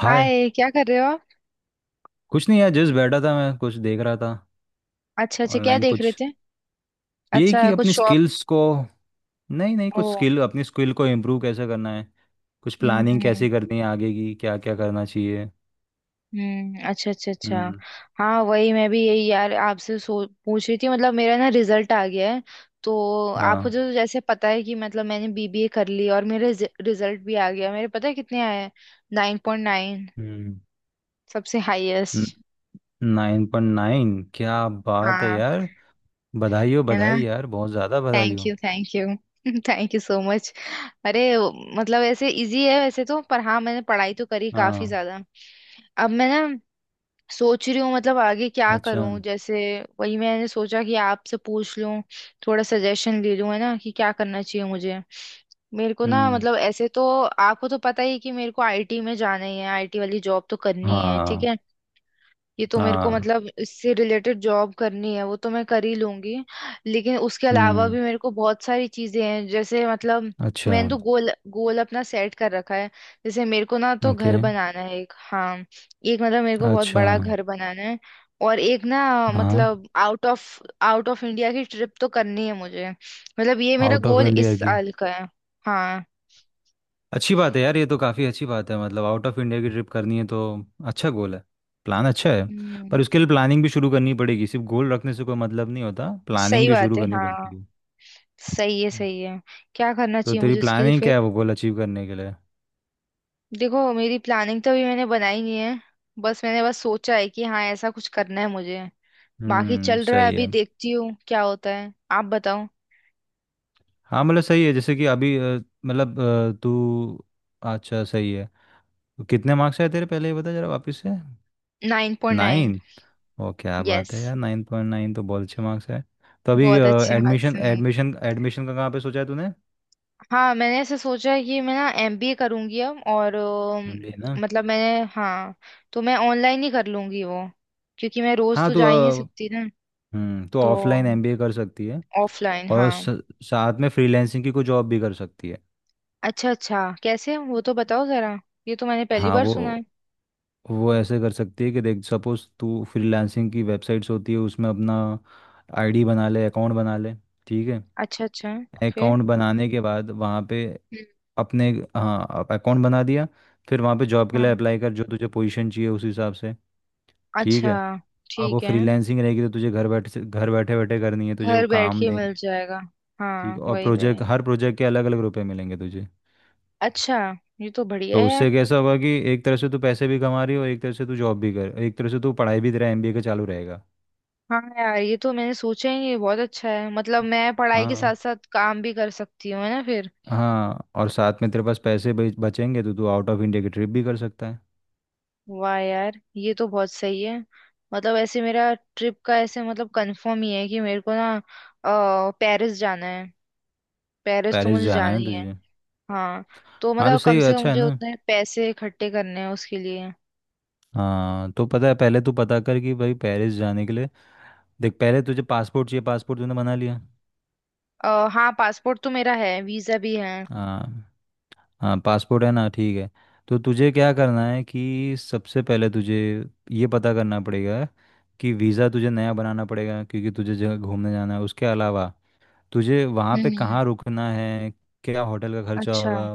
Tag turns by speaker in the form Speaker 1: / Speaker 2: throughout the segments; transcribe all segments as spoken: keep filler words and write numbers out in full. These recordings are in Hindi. Speaker 1: हाय।
Speaker 2: हाय, क्या कर रहे हो आप?
Speaker 1: कुछ नहीं यार, जस्ट बैठा था, मैं कुछ देख रहा था
Speaker 2: अच्छा अच्छा, क्या
Speaker 1: ऑनलाइन।
Speaker 2: देख रहे
Speaker 1: कुछ
Speaker 2: थे?
Speaker 1: यही
Speaker 2: अच्छा,
Speaker 1: कि अपनी
Speaker 2: कुछ शॉप?
Speaker 1: स्किल्स को— नहीं नहीं,
Speaker 2: ओ।
Speaker 1: कुछ स्किल, अपनी स्किल को इम्प्रूव कैसे करना है, कुछ प्लानिंग
Speaker 2: हम्म।
Speaker 1: कैसे करनी है आगे की, क्या क्या करना चाहिए।
Speaker 2: हम्म, अच्छा अच्छा अच्छा।
Speaker 1: हम्म।
Speaker 2: हाँ, वही मैं भी यही यार आपसे सो पूछ रही थी, मतलब मेरा ना रिजल्ट आ गया है तो। आपको
Speaker 1: हाँ।
Speaker 2: जो जैसे पता है कि मतलब मैंने बीबीए कर ली, और मेरे रिजल्ट भी आ गया। मेरे पता है कितने आए हैं? Nine point nine.
Speaker 1: हम्म।
Speaker 2: सबसे हाईएस्ट।
Speaker 1: Nine point nine? क्या बात है
Speaker 2: हाँ।
Speaker 1: यार। बधाई हो,
Speaker 2: है ना।
Speaker 1: बधाई यार, बहुत ज़्यादा बधाई
Speaker 2: थैंक
Speaker 1: हो।
Speaker 2: You thank you thank you so much. अरे, मतलब ऐसे इजी है वैसे तो, पर हाँ मैंने पढ़ाई तो करी काफी
Speaker 1: हाँ।
Speaker 2: ज्यादा। अब मैं ना, सोच रही हूँ मतलब आगे क्या
Speaker 1: अच्छा।
Speaker 2: करूँ जैसे। वही मैंने सोचा कि आपसे पूछ लूँ, थोड़ा सजेशन ले लूँ, है ना, कि क्या करना चाहिए मुझे। मेरे को ना
Speaker 1: हम्म।
Speaker 2: मतलब ऐसे तो। आपको तो पता ही है कि मेरे को आईटी में जाना ही है। आईटी वाली जॉब तो करनी है, ठीक
Speaker 1: हाँ।
Speaker 2: है। ये तो मेरे को
Speaker 1: हाँ।
Speaker 2: मतलब इससे रिलेटेड जॉब करनी है, वो तो मैं कर ही लूंगी। लेकिन उसके अलावा
Speaker 1: हम्म।
Speaker 2: भी मेरे को बहुत सारी चीजें हैं जैसे मतलब,
Speaker 1: अच्छा।
Speaker 2: मैंने तो गोल गोल अपना सेट कर रखा है। जैसे मेरे को ना तो
Speaker 1: ओके।
Speaker 2: घर बनाना है एक, हाँ। एक मतलब मेरे को बहुत
Speaker 1: अच्छा।
Speaker 2: बड़ा घर बनाना है। और एक ना
Speaker 1: हाँ।
Speaker 2: मतलब out of out of India की ट्रिप तो करनी है मुझे, मतलब ये मेरा
Speaker 1: आउट ऑफ
Speaker 2: गोल
Speaker 1: इंडिया
Speaker 2: इस
Speaker 1: की?
Speaker 2: साल का है। हाँ।
Speaker 1: अच्छी बात है यार, ये तो काफ़ी अच्छी बात है। मतलब आउट ऑफ इंडिया की ट्रिप करनी है तो अच्छा गोल है, प्लान अच्छा है।
Speaker 2: हम्म।
Speaker 1: पर उसके लिए प्लानिंग भी शुरू करनी पड़ेगी, सिर्फ गोल रखने से कोई मतलब नहीं होता, प्लानिंग
Speaker 2: सही
Speaker 1: भी
Speaker 2: बात
Speaker 1: शुरू
Speaker 2: है
Speaker 1: करनी
Speaker 2: हाँ।
Speaker 1: पड़ती है।
Speaker 2: सही है
Speaker 1: हम्म।
Speaker 2: सही है। क्या करना
Speaker 1: तो
Speaker 2: चाहिए
Speaker 1: तेरी
Speaker 2: मुझे उसके लिए
Speaker 1: प्लानिंग
Speaker 2: फिर?
Speaker 1: क्या है वो गोल अचीव करने के लिए?
Speaker 2: देखो, मेरी प्लानिंग तो अभी मैंने बनाई नहीं है। बस मैंने बस सोचा है कि हाँ ऐसा कुछ करना है मुझे। बाकी
Speaker 1: हम्म,
Speaker 2: चल रहा है।
Speaker 1: सही है।
Speaker 2: अभी देखती हूँ क्या होता है। आप बताओ।
Speaker 1: हाँ मतलब सही है, जैसे कि अभी अ, मतलब अ, तू— अच्छा सही है। तो कितने मार्क्स आए तेरे, पहले ये बता जरा वापस से।
Speaker 2: Nine point nine.
Speaker 1: नाइन? ओ क्या बात
Speaker 2: यस।
Speaker 1: है यार, नाइन पॉइंट नाइन तो बहुत अच्छे मार्क्स है। तो अभी
Speaker 2: बहुत अच्छे मार्क्स
Speaker 1: एडमिशन,
Speaker 2: हैं।
Speaker 1: एडमिशन एडमिशन का कहाँ पे सोचा है तूने?
Speaker 2: हाँ, मैंने ऐसा सोचा है कि मैं ना एमबीए करूंगी अब और अम,
Speaker 1: एम बी ए ना?
Speaker 2: मतलब मैंने हाँ। तो मैं ऑनलाइन ही कर लूंगी वो। क्योंकि मैं रोज
Speaker 1: हाँ
Speaker 2: तो
Speaker 1: तो
Speaker 2: जा ही नहीं
Speaker 1: अ,
Speaker 2: सकती ना।
Speaker 1: हम्म, तो
Speaker 2: तो
Speaker 1: ऑफलाइन एम बी ए कर सकती है,
Speaker 2: ऑफलाइन,
Speaker 1: और
Speaker 2: हाँ।
Speaker 1: स- साथ में फ्रीलांसिंग की कोई जॉब भी कर सकती है।
Speaker 2: अच्छा अच्छा, कैसे वो तो बताओ जरा। ये तो मैंने पहली
Speaker 1: हाँ
Speaker 2: बार
Speaker 1: वो
Speaker 2: सुना है।
Speaker 1: वो ऐसे कर सकती है कि देख, सपोज तू फ्रीलांसिंग की वेबसाइट्स होती है, उसमें अपना आई डी बना ले, अकाउंट बना ले। ठीक है?
Speaker 2: अच्छा अच्छा। फिर?
Speaker 1: अकाउंट बनाने के बाद वहाँ पे
Speaker 2: हम्म,
Speaker 1: अपने— हाँ, अकाउंट बना दिया, फिर वहाँ पे जॉब के लिए
Speaker 2: हाँ,
Speaker 1: अप्लाई कर जो तुझे पोजीशन चाहिए उस हिसाब से। ठीक
Speaker 2: अच्छा।
Speaker 1: है? अब वो
Speaker 2: ठीक है।
Speaker 1: फ्रीलांसिंग रहेगी तो तुझे घर बैठे से, घर बैठे बैठे करनी है, तुझे वो
Speaker 2: घर बैठ
Speaker 1: काम
Speaker 2: के मिल
Speaker 1: देंगे।
Speaker 2: जाएगा।
Speaker 1: ठीक
Speaker 2: हाँ,
Speaker 1: है? और
Speaker 2: वही वही।
Speaker 1: प्रोजेक्ट, हर प्रोजेक्ट के अलग अलग रुपए मिलेंगे तुझे।
Speaker 2: अच्छा। ये तो बढ़िया
Speaker 1: तो
Speaker 2: है
Speaker 1: उससे
Speaker 2: यार।
Speaker 1: कैसा होगा कि एक तरह से तू पैसे भी कमा रही हो, एक तरह से तू जॉब भी कर, एक तरह से तू पढ़ाई भी, तेरा एम बी ए का चालू रहेगा।
Speaker 2: हाँ यार, ये तो मैंने सोचा ही नहीं। ये बहुत अच्छा है, मतलब मैं पढ़ाई के साथ
Speaker 1: हाँ।
Speaker 2: साथ काम भी कर सकती हूँ है ना फिर।
Speaker 1: हाँ, और साथ में तेरे पास पैसे बच- बचेंगे तो तू आउट ऑफ इंडिया की ट्रिप भी कर सकता है।
Speaker 2: वाह यार, ये तो बहुत सही है। मतलब ऐसे मेरा ट्रिप का ऐसे मतलब कंफर्म ही है कि मेरे को ना, अ, पेरिस जाना है। पेरिस तो
Speaker 1: पेरिस
Speaker 2: मुझे
Speaker 1: जाना
Speaker 2: जाना
Speaker 1: है
Speaker 2: ही है।
Speaker 1: तुझे?
Speaker 2: हाँ। तो
Speaker 1: हाँ तो
Speaker 2: मतलब
Speaker 1: सही
Speaker 2: कम
Speaker 1: है,
Speaker 2: से कम
Speaker 1: अच्छा है
Speaker 2: मुझे
Speaker 1: ना।
Speaker 2: उतने पैसे इकट्ठे करने हैं उसके लिए।
Speaker 1: हाँ तो पता है, पहले तू पता कर कि भाई पेरिस जाने के लिए— देख, पहले तुझे पासपोर्ट चाहिए, पासपोर्ट तूने बना लिया?
Speaker 2: आ, हाँ, पासपोर्ट तो मेरा है, वीजा भी है।
Speaker 1: हाँ। हाँ, पासपोर्ट है ना, ठीक है। तो तुझे क्या करना है कि सबसे पहले तुझे ये पता करना पड़ेगा कि वीज़ा तुझे नया बनाना पड़ेगा क्योंकि तुझे जगह घूमने जाना है। उसके अलावा तुझे वहाँ पे
Speaker 2: हम्म।
Speaker 1: कहाँ रुकना है, क्या होटल का खर्चा
Speaker 2: अच्छा।
Speaker 1: होगा,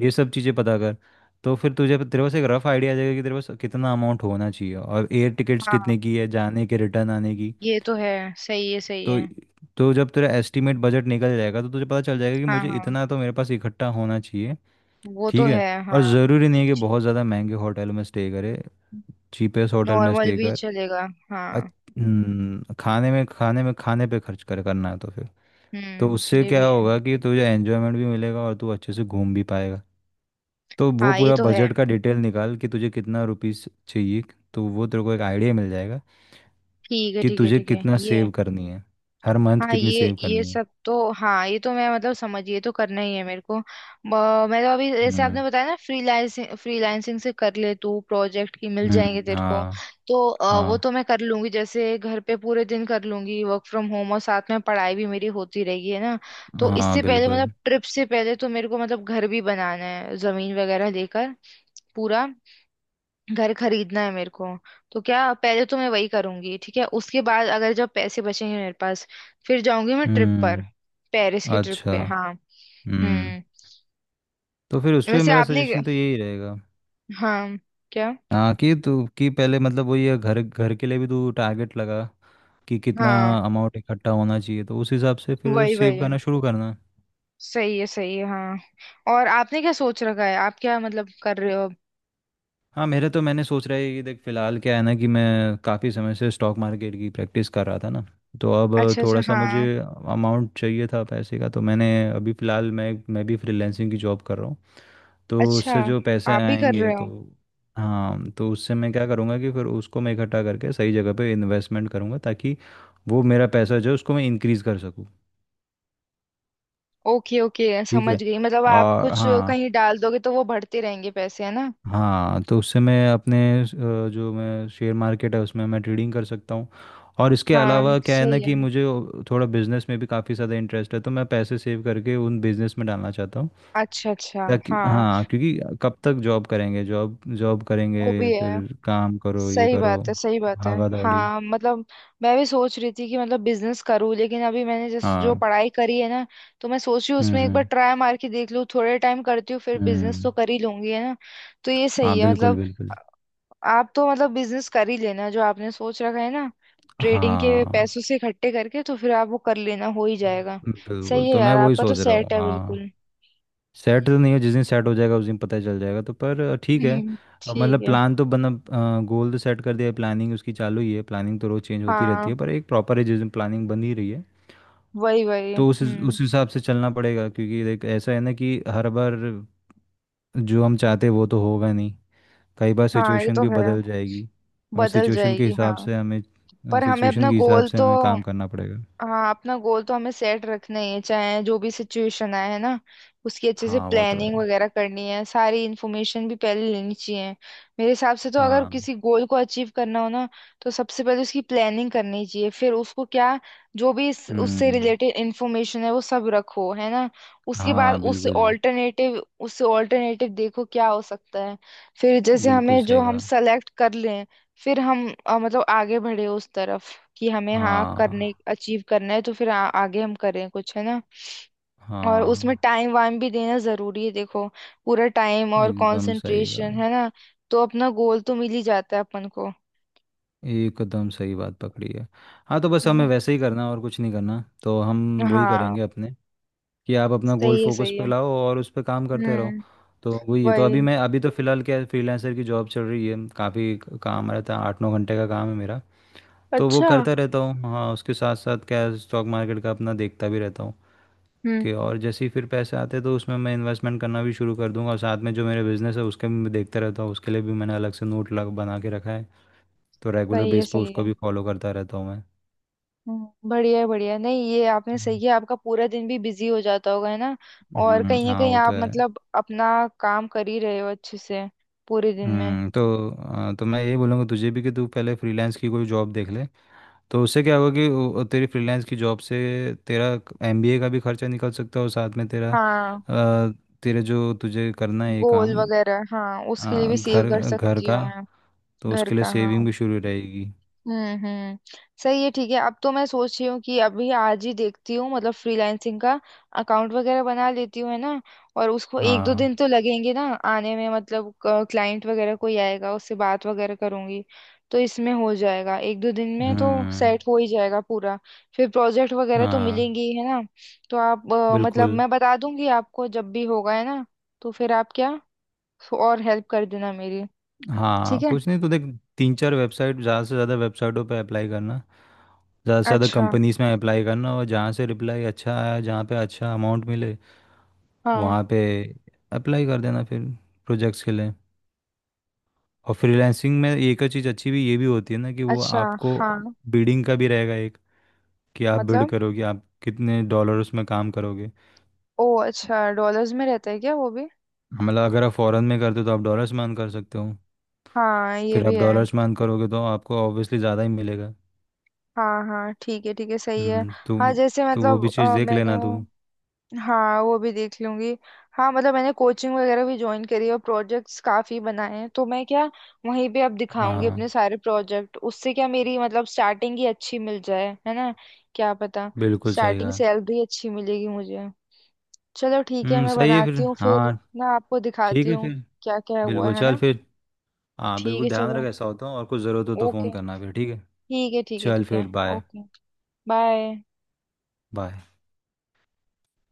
Speaker 1: ये सब चीज़ें पता कर। तो फिर तुझे, तेरे पास एक रफ आइडिया आ जाएगा कि तेरे पास कितना अमाउंट होना चाहिए, और एयर टिकट्स कितने
Speaker 2: हाँ,
Speaker 1: की है जाने के, रिटर्न आने की।
Speaker 2: ये तो है। सही है सही
Speaker 1: तो
Speaker 2: है।
Speaker 1: तो जब तेरा एस्टिमेट बजट निकल जाएगा तो तुझे पता चल जाएगा कि
Speaker 2: हाँ
Speaker 1: मुझे
Speaker 2: हाँ।
Speaker 1: इतना तो मेरे पास इकट्ठा होना चाहिए।
Speaker 2: वो
Speaker 1: ठीक
Speaker 2: तो
Speaker 1: है?
Speaker 2: है,
Speaker 1: और
Speaker 2: हाँ।
Speaker 1: ज़रूरी नहीं है कि
Speaker 2: ठीक
Speaker 1: बहुत
Speaker 2: है।
Speaker 1: ज़्यादा महंगे होटल में स्टे करे, चीपेस्ट होटल में
Speaker 2: नॉर्मल
Speaker 1: स्टे
Speaker 2: भी
Speaker 1: कर।
Speaker 2: चलेगा,
Speaker 1: अच-
Speaker 2: हाँ।
Speaker 1: हम्म, खाने में, खाने में, खाने पे खर्च कर करना है तो फिर— तो
Speaker 2: हम्म,
Speaker 1: उससे
Speaker 2: ये भी
Speaker 1: क्या
Speaker 2: है।
Speaker 1: होगा कि तुझे एन्जॉयमेंट भी मिलेगा और तू अच्छे से घूम भी पाएगा। तो वो
Speaker 2: हाँ, ये
Speaker 1: पूरा
Speaker 2: तो है।
Speaker 1: बजट का डिटेल निकाल कि तुझे कितना रुपीस चाहिए, तो वो तेरे को एक आइडिया मिल जाएगा
Speaker 2: ठीक है
Speaker 1: कि
Speaker 2: ठीक है
Speaker 1: तुझे
Speaker 2: ठीक है
Speaker 1: कितना
Speaker 2: ये।
Speaker 1: सेव करनी है, हर मंथ
Speaker 2: हाँ,
Speaker 1: कितनी
Speaker 2: ये
Speaker 1: सेव
Speaker 2: ये
Speaker 1: करनी है।
Speaker 2: सब तो हाँ, ये तो मैं मतलब समझ, ये तो करना ही है मेरे को। ब- मैं तो अभी जैसे
Speaker 1: हम्म।
Speaker 2: आपने बताया ना फ्रीलांसिंग फ्रीलांसिंग से कर ले तू, प्रोजेक्ट की मिल जाएंगे
Speaker 1: हम्म।
Speaker 2: तेरे को।
Speaker 1: हाँ।
Speaker 2: तो अ, वो
Speaker 1: हाँ।
Speaker 2: तो मैं कर लूंगी, जैसे घर पे पूरे दिन कर लूंगी वर्क फ्रॉम होम, और साथ में पढ़ाई भी मेरी होती रहेगी है ना। तो
Speaker 1: हाँ।
Speaker 2: इससे पहले मतलब
Speaker 1: बिल्कुल।
Speaker 2: ट्रिप से पहले तो मेरे को मतलब घर भी बनाना है, जमीन वगैरह लेकर पूरा घर खरीदना है मेरे को। तो क्या पहले तो मैं वही करूंगी, ठीक है, उसके बाद अगर जब पैसे बचेंगे मेरे पास, फिर जाऊंगी मैं ट्रिप पर।
Speaker 1: हम्म।
Speaker 2: पेरिस की ट्रिप
Speaker 1: अच्छा।
Speaker 2: पे, हाँ।
Speaker 1: हम्म।
Speaker 2: हम्म।
Speaker 1: तो फिर उस पे
Speaker 2: वैसे
Speaker 1: मेरा
Speaker 2: आपने।
Speaker 1: सजेशन तो यही रहेगा,
Speaker 2: हाँ। क्या?
Speaker 1: हाँ, कि तू— कि पहले मतलब वही है, घर घर के लिए भी तू टारगेट लगा कि कितना
Speaker 2: हाँ,
Speaker 1: अमाउंट इकट्ठा होना चाहिए तो उस हिसाब से फिर
Speaker 2: वही
Speaker 1: सेव
Speaker 2: वही।
Speaker 1: करना शुरू करना।
Speaker 2: सही है सही है हाँ। और आपने क्या सोच रखा है? आप क्या मतलब कर रहे हो?
Speaker 1: हाँ, मेरे तो मैंने सोच रहा है कि देख फिलहाल क्या है ना, कि मैं काफ़ी समय से स्टॉक मार्केट की प्रैक्टिस कर रहा था ना, तो अब
Speaker 2: अच्छा अच्छा
Speaker 1: थोड़ा सा मुझे
Speaker 2: हाँ।
Speaker 1: अमाउंट चाहिए था पैसे का, तो मैंने अभी फ़िलहाल मैं मैं भी फ्रीलैंसिंग की जॉब कर रहा हूँ, तो
Speaker 2: अच्छा।
Speaker 1: उससे जो पैसे
Speaker 2: आप भी कर
Speaker 1: आएंगे
Speaker 2: रहे
Speaker 1: तो—
Speaker 2: हो?
Speaker 1: हाँ, तो उससे मैं क्या करूँगा कि फिर उसको मैं इकट्ठा करके सही जगह पे इन्वेस्टमेंट करूँगा, ताकि वो मेरा पैसा जो है उसको मैं इंक्रीज़ कर सकूँ।
Speaker 2: ओके ओके,
Speaker 1: ठीक
Speaker 2: समझ
Speaker 1: है।
Speaker 2: गई, मतलब आप
Speaker 1: और
Speaker 2: कुछ
Speaker 1: हाँ।
Speaker 2: कहीं डाल दोगे तो वो बढ़ते रहेंगे पैसे, है ना।
Speaker 1: हाँ, तो उससे मैं अपने अ, जो मैं शेयर मार्केट है उसमें मैं ट्रेडिंग कर सकता हूँ। और इसके
Speaker 2: हाँ।
Speaker 1: अलावा क्या है ना
Speaker 2: सही
Speaker 1: कि
Speaker 2: है।
Speaker 1: मुझे थोड़ा बिजनेस में भी काफ़ी ज़्यादा इंटरेस्ट है, तो मैं पैसे सेव करके उन बिजनेस में डालना चाहता हूँ
Speaker 2: अच्छा अच्छा
Speaker 1: ताकि—
Speaker 2: हाँ।
Speaker 1: हाँ, क्योंकि कब तक जॉब करेंगे, जॉब जॉब
Speaker 2: वो
Speaker 1: करेंगे,
Speaker 2: भी है।
Speaker 1: फिर काम करो ये
Speaker 2: सही
Speaker 1: करो,
Speaker 2: बात है सही बात है।
Speaker 1: भागा दौड़ी।
Speaker 2: हाँ मतलब, मैं भी सोच रही थी कि मतलब बिजनेस करूँ, लेकिन अभी मैंने जिस जो
Speaker 1: हाँ।
Speaker 2: पढ़ाई करी है ना, तो मैं सोच रही हूँ
Speaker 1: हम्म।
Speaker 2: उसमें एक बार
Speaker 1: हम्म।
Speaker 2: ट्राई मार के देख लूँ, थोड़े टाइम करती हूँ, फिर बिजनेस
Speaker 1: हम्म।
Speaker 2: तो कर ही लूंगी है ना। तो ये
Speaker 1: हाँ,
Speaker 2: सही है
Speaker 1: बिल्कुल
Speaker 2: मतलब। आ-
Speaker 1: बिल्कुल।
Speaker 2: आप तो मतलब बिजनेस कर ही लेना, जो आपने सोच रखा है ना। ट्रेडिंग के
Speaker 1: हाँ
Speaker 2: पैसों से इकट्ठे करके तो फिर आप वो कर लेना, हो ही जाएगा।
Speaker 1: बिल्कुल,
Speaker 2: सही है
Speaker 1: तो मैं
Speaker 2: यार,
Speaker 1: वही
Speaker 2: आपका तो
Speaker 1: सोच रहा हूँ,
Speaker 2: सेट है
Speaker 1: हाँ।
Speaker 2: बिल्कुल।
Speaker 1: सेट तो नहीं हो, जिस दिन सेट हो जाएगा उस दिन पता चल जाएगा तो, पर अ, ठीक है।
Speaker 2: हम्म,
Speaker 1: अ,
Speaker 2: ठीक
Speaker 1: मतलब
Speaker 2: है।
Speaker 1: प्लान तो बना, गोल तो सेट कर दिया है, प्लानिंग उसकी चालू ही है, प्लानिंग तो रोज़ चेंज होती रहती है,
Speaker 2: हाँ,
Speaker 1: पर एक प्रॉपर है, जिस दिन प्लानिंग बन ही रही है।
Speaker 2: वही वही,
Speaker 1: तो उस
Speaker 2: हम्म।
Speaker 1: उस हिसाब से चलना पड़ेगा, क्योंकि देख ऐसा है ना कि हर बार जो हम चाहते हैं वो तो होगा नहीं, कई बार
Speaker 2: हाँ, ये
Speaker 1: सिचुएशन
Speaker 2: तो
Speaker 1: भी
Speaker 2: है।
Speaker 1: बदल जाएगी, हमें
Speaker 2: बदल
Speaker 1: सिचुएशन के
Speaker 2: जाएगी,
Speaker 1: हिसाब
Speaker 2: हाँ।
Speaker 1: से हमें
Speaker 2: पर हमें
Speaker 1: सिचुएशन
Speaker 2: अपना
Speaker 1: के हिसाब
Speaker 2: गोल
Speaker 1: से
Speaker 2: तो।
Speaker 1: हमें काम करना पड़ेगा।
Speaker 2: हाँ, अपना गोल तो हमें सेट रखना ही है, चाहे जो भी सिचुएशन आए है ना। उसकी अच्छे से
Speaker 1: हाँ वो तो है।
Speaker 2: प्लानिंग वगैरह करनी है। सारी इन्फॉर्मेशन भी पहले लेनी चाहिए। मेरे हिसाब से तो अगर
Speaker 1: हाँ।
Speaker 2: किसी गोल को अचीव करना हो ना, तो सबसे पहले उसकी प्लानिंग करनी चाहिए। फिर उसको क्या, जो भी इस, उससे
Speaker 1: हम्म।
Speaker 2: रिलेटेड इन्फॉर्मेशन है वो सब रखो है ना। उसके बाद
Speaker 1: हाँ
Speaker 2: उससे
Speaker 1: बिल्कुल,
Speaker 2: ऑल्टरनेटिव उससे ऑल्टरनेटिव देखो क्या हो सकता है। फिर जैसे
Speaker 1: बिल्कुल
Speaker 2: हमें जो
Speaker 1: सही
Speaker 2: हम
Speaker 1: कहा।
Speaker 2: सेलेक्ट कर लें, फिर हम अ, मतलब आगे बढ़े उस तरफ, कि हमें हाँ करने
Speaker 1: हाँ।
Speaker 2: अचीव करना है, तो फिर आ, आगे हम करें कुछ है ना। और उसमें
Speaker 1: हाँ,
Speaker 2: टाइम वाइम भी देना जरूरी है, देखो। पूरा टाइम और
Speaker 1: एकदम सही
Speaker 2: कंसंट्रेशन
Speaker 1: कहा,
Speaker 2: है ना। तो अपना गोल तो मिल ही जाता है अपन को।
Speaker 1: एकदम सही बात पकड़ी है। हाँ, तो बस
Speaker 2: है
Speaker 1: हमें
Speaker 2: ना।
Speaker 1: वैसे ही करना है, और कुछ नहीं करना, तो हम वही
Speaker 2: हाँ।
Speaker 1: करेंगे अपने, कि आप अपना गोल
Speaker 2: सही है
Speaker 1: फोकस
Speaker 2: सही है।
Speaker 1: पे लाओ और उस पे काम करते रहो।
Speaker 2: हम्म।
Speaker 1: तो वही है। तो
Speaker 2: वही।
Speaker 1: अभी मैं, अभी तो फ़िलहाल क्या, फ्रीलांसर की जॉब चल रही है, काफ़ी काम रहता है, आठ नौ घंटे का काम है मेरा, तो वो
Speaker 2: अच्छा।
Speaker 1: करता रहता हूँ। हाँ उसके साथ साथ क्या, स्टॉक मार्केट का अपना देखता भी रहता हूँ,
Speaker 2: हम्म,
Speaker 1: कि और जैसे ही फिर पैसे आते हैं तो उसमें मैं इन्वेस्टमेंट करना भी शुरू कर दूंगा, और साथ में जो मेरे बिजनेस है उसके भी मैं देखता रहता हूँ, उसके लिए भी मैंने अलग से नोट लग बना के रखा है, तो रेगुलर
Speaker 2: सही है
Speaker 1: बेस पे
Speaker 2: सही
Speaker 1: उसको
Speaker 2: है।
Speaker 1: भी फॉलो करता रहता हूँ मैं।
Speaker 2: हम्म, बढ़िया है बढ़िया है। नहीं, ये आपने सही किया, आपका पूरा दिन भी बिजी हो जाता होगा है ना। और
Speaker 1: हम्म।
Speaker 2: कहीं ना
Speaker 1: हाँ
Speaker 2: कहीं
Speaker 1: वो तो
Speaker 2: आप
Speaker 1: है।
Speaker 2: मतलब अपना काम कर ही रहे हो अच्छे से पूरे दिन में।
Speaker 1: हम्म, तो अ, तो मैं ये बोलूँगा तुझे भी कि तू पहले फ्रीलांस की कोई जॉब देख ले। तो उससे क्या होगा कि वो- तेरी फ्रीलांस की जॉब से तेरा एम बी ए का भी खर्चा निकल सकता है, और साथ में तेरा
Speaker 2: हाँ,
Speaker 1: अ, तेरे जो तुझे करना है ये
Speaker 2: गोल
Speaker 1: काम,
Speaker 2: वगैरह, हाँ, उसके लिए
Speaker 1: अ,
Speaker 2: भी सेव
Speaker 1: घर,
Speaker 2: कर
Speaker 1: घर
Speaker 2: सकती
Speaker 1: का,
Speaker 2: हूँ मैं।
Speaker 1: तो
Speaker 2: घर
Speaker 1: उसके लिए
Speaker 2: का,
Speaker 1: सेविंग
Speaker 2: हाँ।
Speaker 1: भी शुरू रहेगी।
Speaker 2: हम्म हम्म। सही है, ठीक है। अब तो मैं सोच रही हूँ कि अभी आज ही देखती हूँ, मतलब फ्रीलांसिंग का अकाउंट वगैरह बना लेती हूँ है ना। और उसको एक दो
Speaker 1: हाँ।
Speaker 2: दिन तो लगेंगे ना आने में, मतलब क्लाइंट वगैरह कोई आएगा उससे बात वगैरह करूंगी। तो इसमें हो जाएगा, एक दो दिन में तो
Speaker 1: हम्म।
Speaker 2: सेट हो ही जाएगा पूरा। फिर प्रोजेक्ट वगैरह तो
Speaker 1: हाँ
Speaker 2: मिलेंगे ही है ना। तो आप अ, मतलब
Speaker 1: बिल्कुल।
Speaker 2: मैं बता दूंगी आपको जब भी होगा है ना। तो फिर आप क्या, तो और हेल्प कर देना मेरी। ठीक
Speaker 1: हाँ
Speaker 2: है।
Speaker 1: कुछ नहीं तो देख, तीन चार वेबसाइट, ज़्यादा से ज़्यादा वेबसाइटों पे अप्लाई करना, ज़्यादा से ज़्यादा
Speaker 2: अच्छा,
Speaker 1: कंपनीज में अप्लाई करना, और जहाँ से रिप्लाई अच्छा आया, जहाँ पे अच्छा अमाउंट मिले,
Speaker 2: हाँ।
Speaker 1: वहाँ पे अप्लाई कर देना फिर प्रोजेक्ट्स के लिए। और फ्रीलांसिंग में एक और चीज़ अच्छी भी ये भी होती है ना कि वो
Speaker 2: अच्छा,
Speaker 1: आपको
Speaker 2: हाँ,
Speaker 1: बिडिंग का भी रहेगा एक, कि आप बिड
Speaker 2: मतलब।
Speaker 1: करोगे आप कितने डॉलर्स में काम करोगे।
Speaker 2: ओ अच्छा, डॉलर्स में रहता है क्या वो भी?
Speaker 1: मतलब अगर आप फॉरेन में करते हो तो आप डॉलर्स में earn कर सकते हो,
Speaker 2: हाँ, ये
Speaker 1: फिर
Speaker 2: भी
Speaker 1: आप
Speaker 2: है।
Speaker 1: डॉलर्स में earn करोगे तो आपको ऑब्वियसली ज़्यादा ही मिलेगा।
Speaker 2: हाँ हाँ, ठीक है ठीक है, सही है।
Speaker 1: हम्म,
Speaker 2: हाँ
Speaker 1: तो
Speaker 2: जैसे
Speaker 1: तो वो
Speaker 2: मतलब
Speaker 1: भी चीज़
Speaker 2: अ,
Speaker 1: देख
Speaker 2: मैंने।
Speaker 1: लेना तू।
Speaker 2: हाँ, वो भी देख लूंगी। हाँ मतलब, मैंने कोचिंग वगैरह भी ज्वाइन करी है और प्रोजेक्ट्स काफी बनाए हैं, तो मैं क्या, वहीं पे अब दिखाऊंगी
Speaker 1: हाँ
Speaker 2: अपने सारे प्रोजेक्ट, उससे क्या मेरी मतलब स्टार्टिंग ही अच्छी मिल जाए, है ना। क्या पता।
Speaker 1: बिल्कुल सही
Speaker 2: स्टार्टिंग
Speaker 1: कहा।
Speaker 2: सैलरी अच्छी मिलेगी मुझे। चलो ठीक है,
Speaker 1: हम्म,
Speaker 2: मैं
Speaker 1: सही है फिर,
Speaker 2: बनाती हूँ फिर
Speaker 1: हाँ।
Speaker 2: ना, आपको
Speaker 1: ठीक
Speaker 2: दिखाती
Speaker 1: है
Speaker 2: हूँ
Speaker 1: फिर।
Speaker 2: क्या क्या हुआ
Speaker 1: बिल्कुल
Speaker 2: है
Speaker 1: चल
Speaker 2: ना।
Speaker 1: फिर। हाँ
Speaker 2: ठीक
Speaker 1: बिल्कुल,
Speaker 2: है
Speaker 1: ध्यान
Speaker 2: चलो।
Speaker 1: रख, ऐसा होता हूँ और कुछ ज़रूरत हो तो फ़ोन
Speaker 2: ओके।
Speaker 1: करना फिर, ठीक है।
Speaker 2: ठीक है ठीक है
Speaker 1: चल
Speaker 2: ठीक
Speaker 1: फिर
Speaker 2: है।
Speaker 1: बाय।
Speaker 2: ओके। बाय।
Speaker 1: बाय।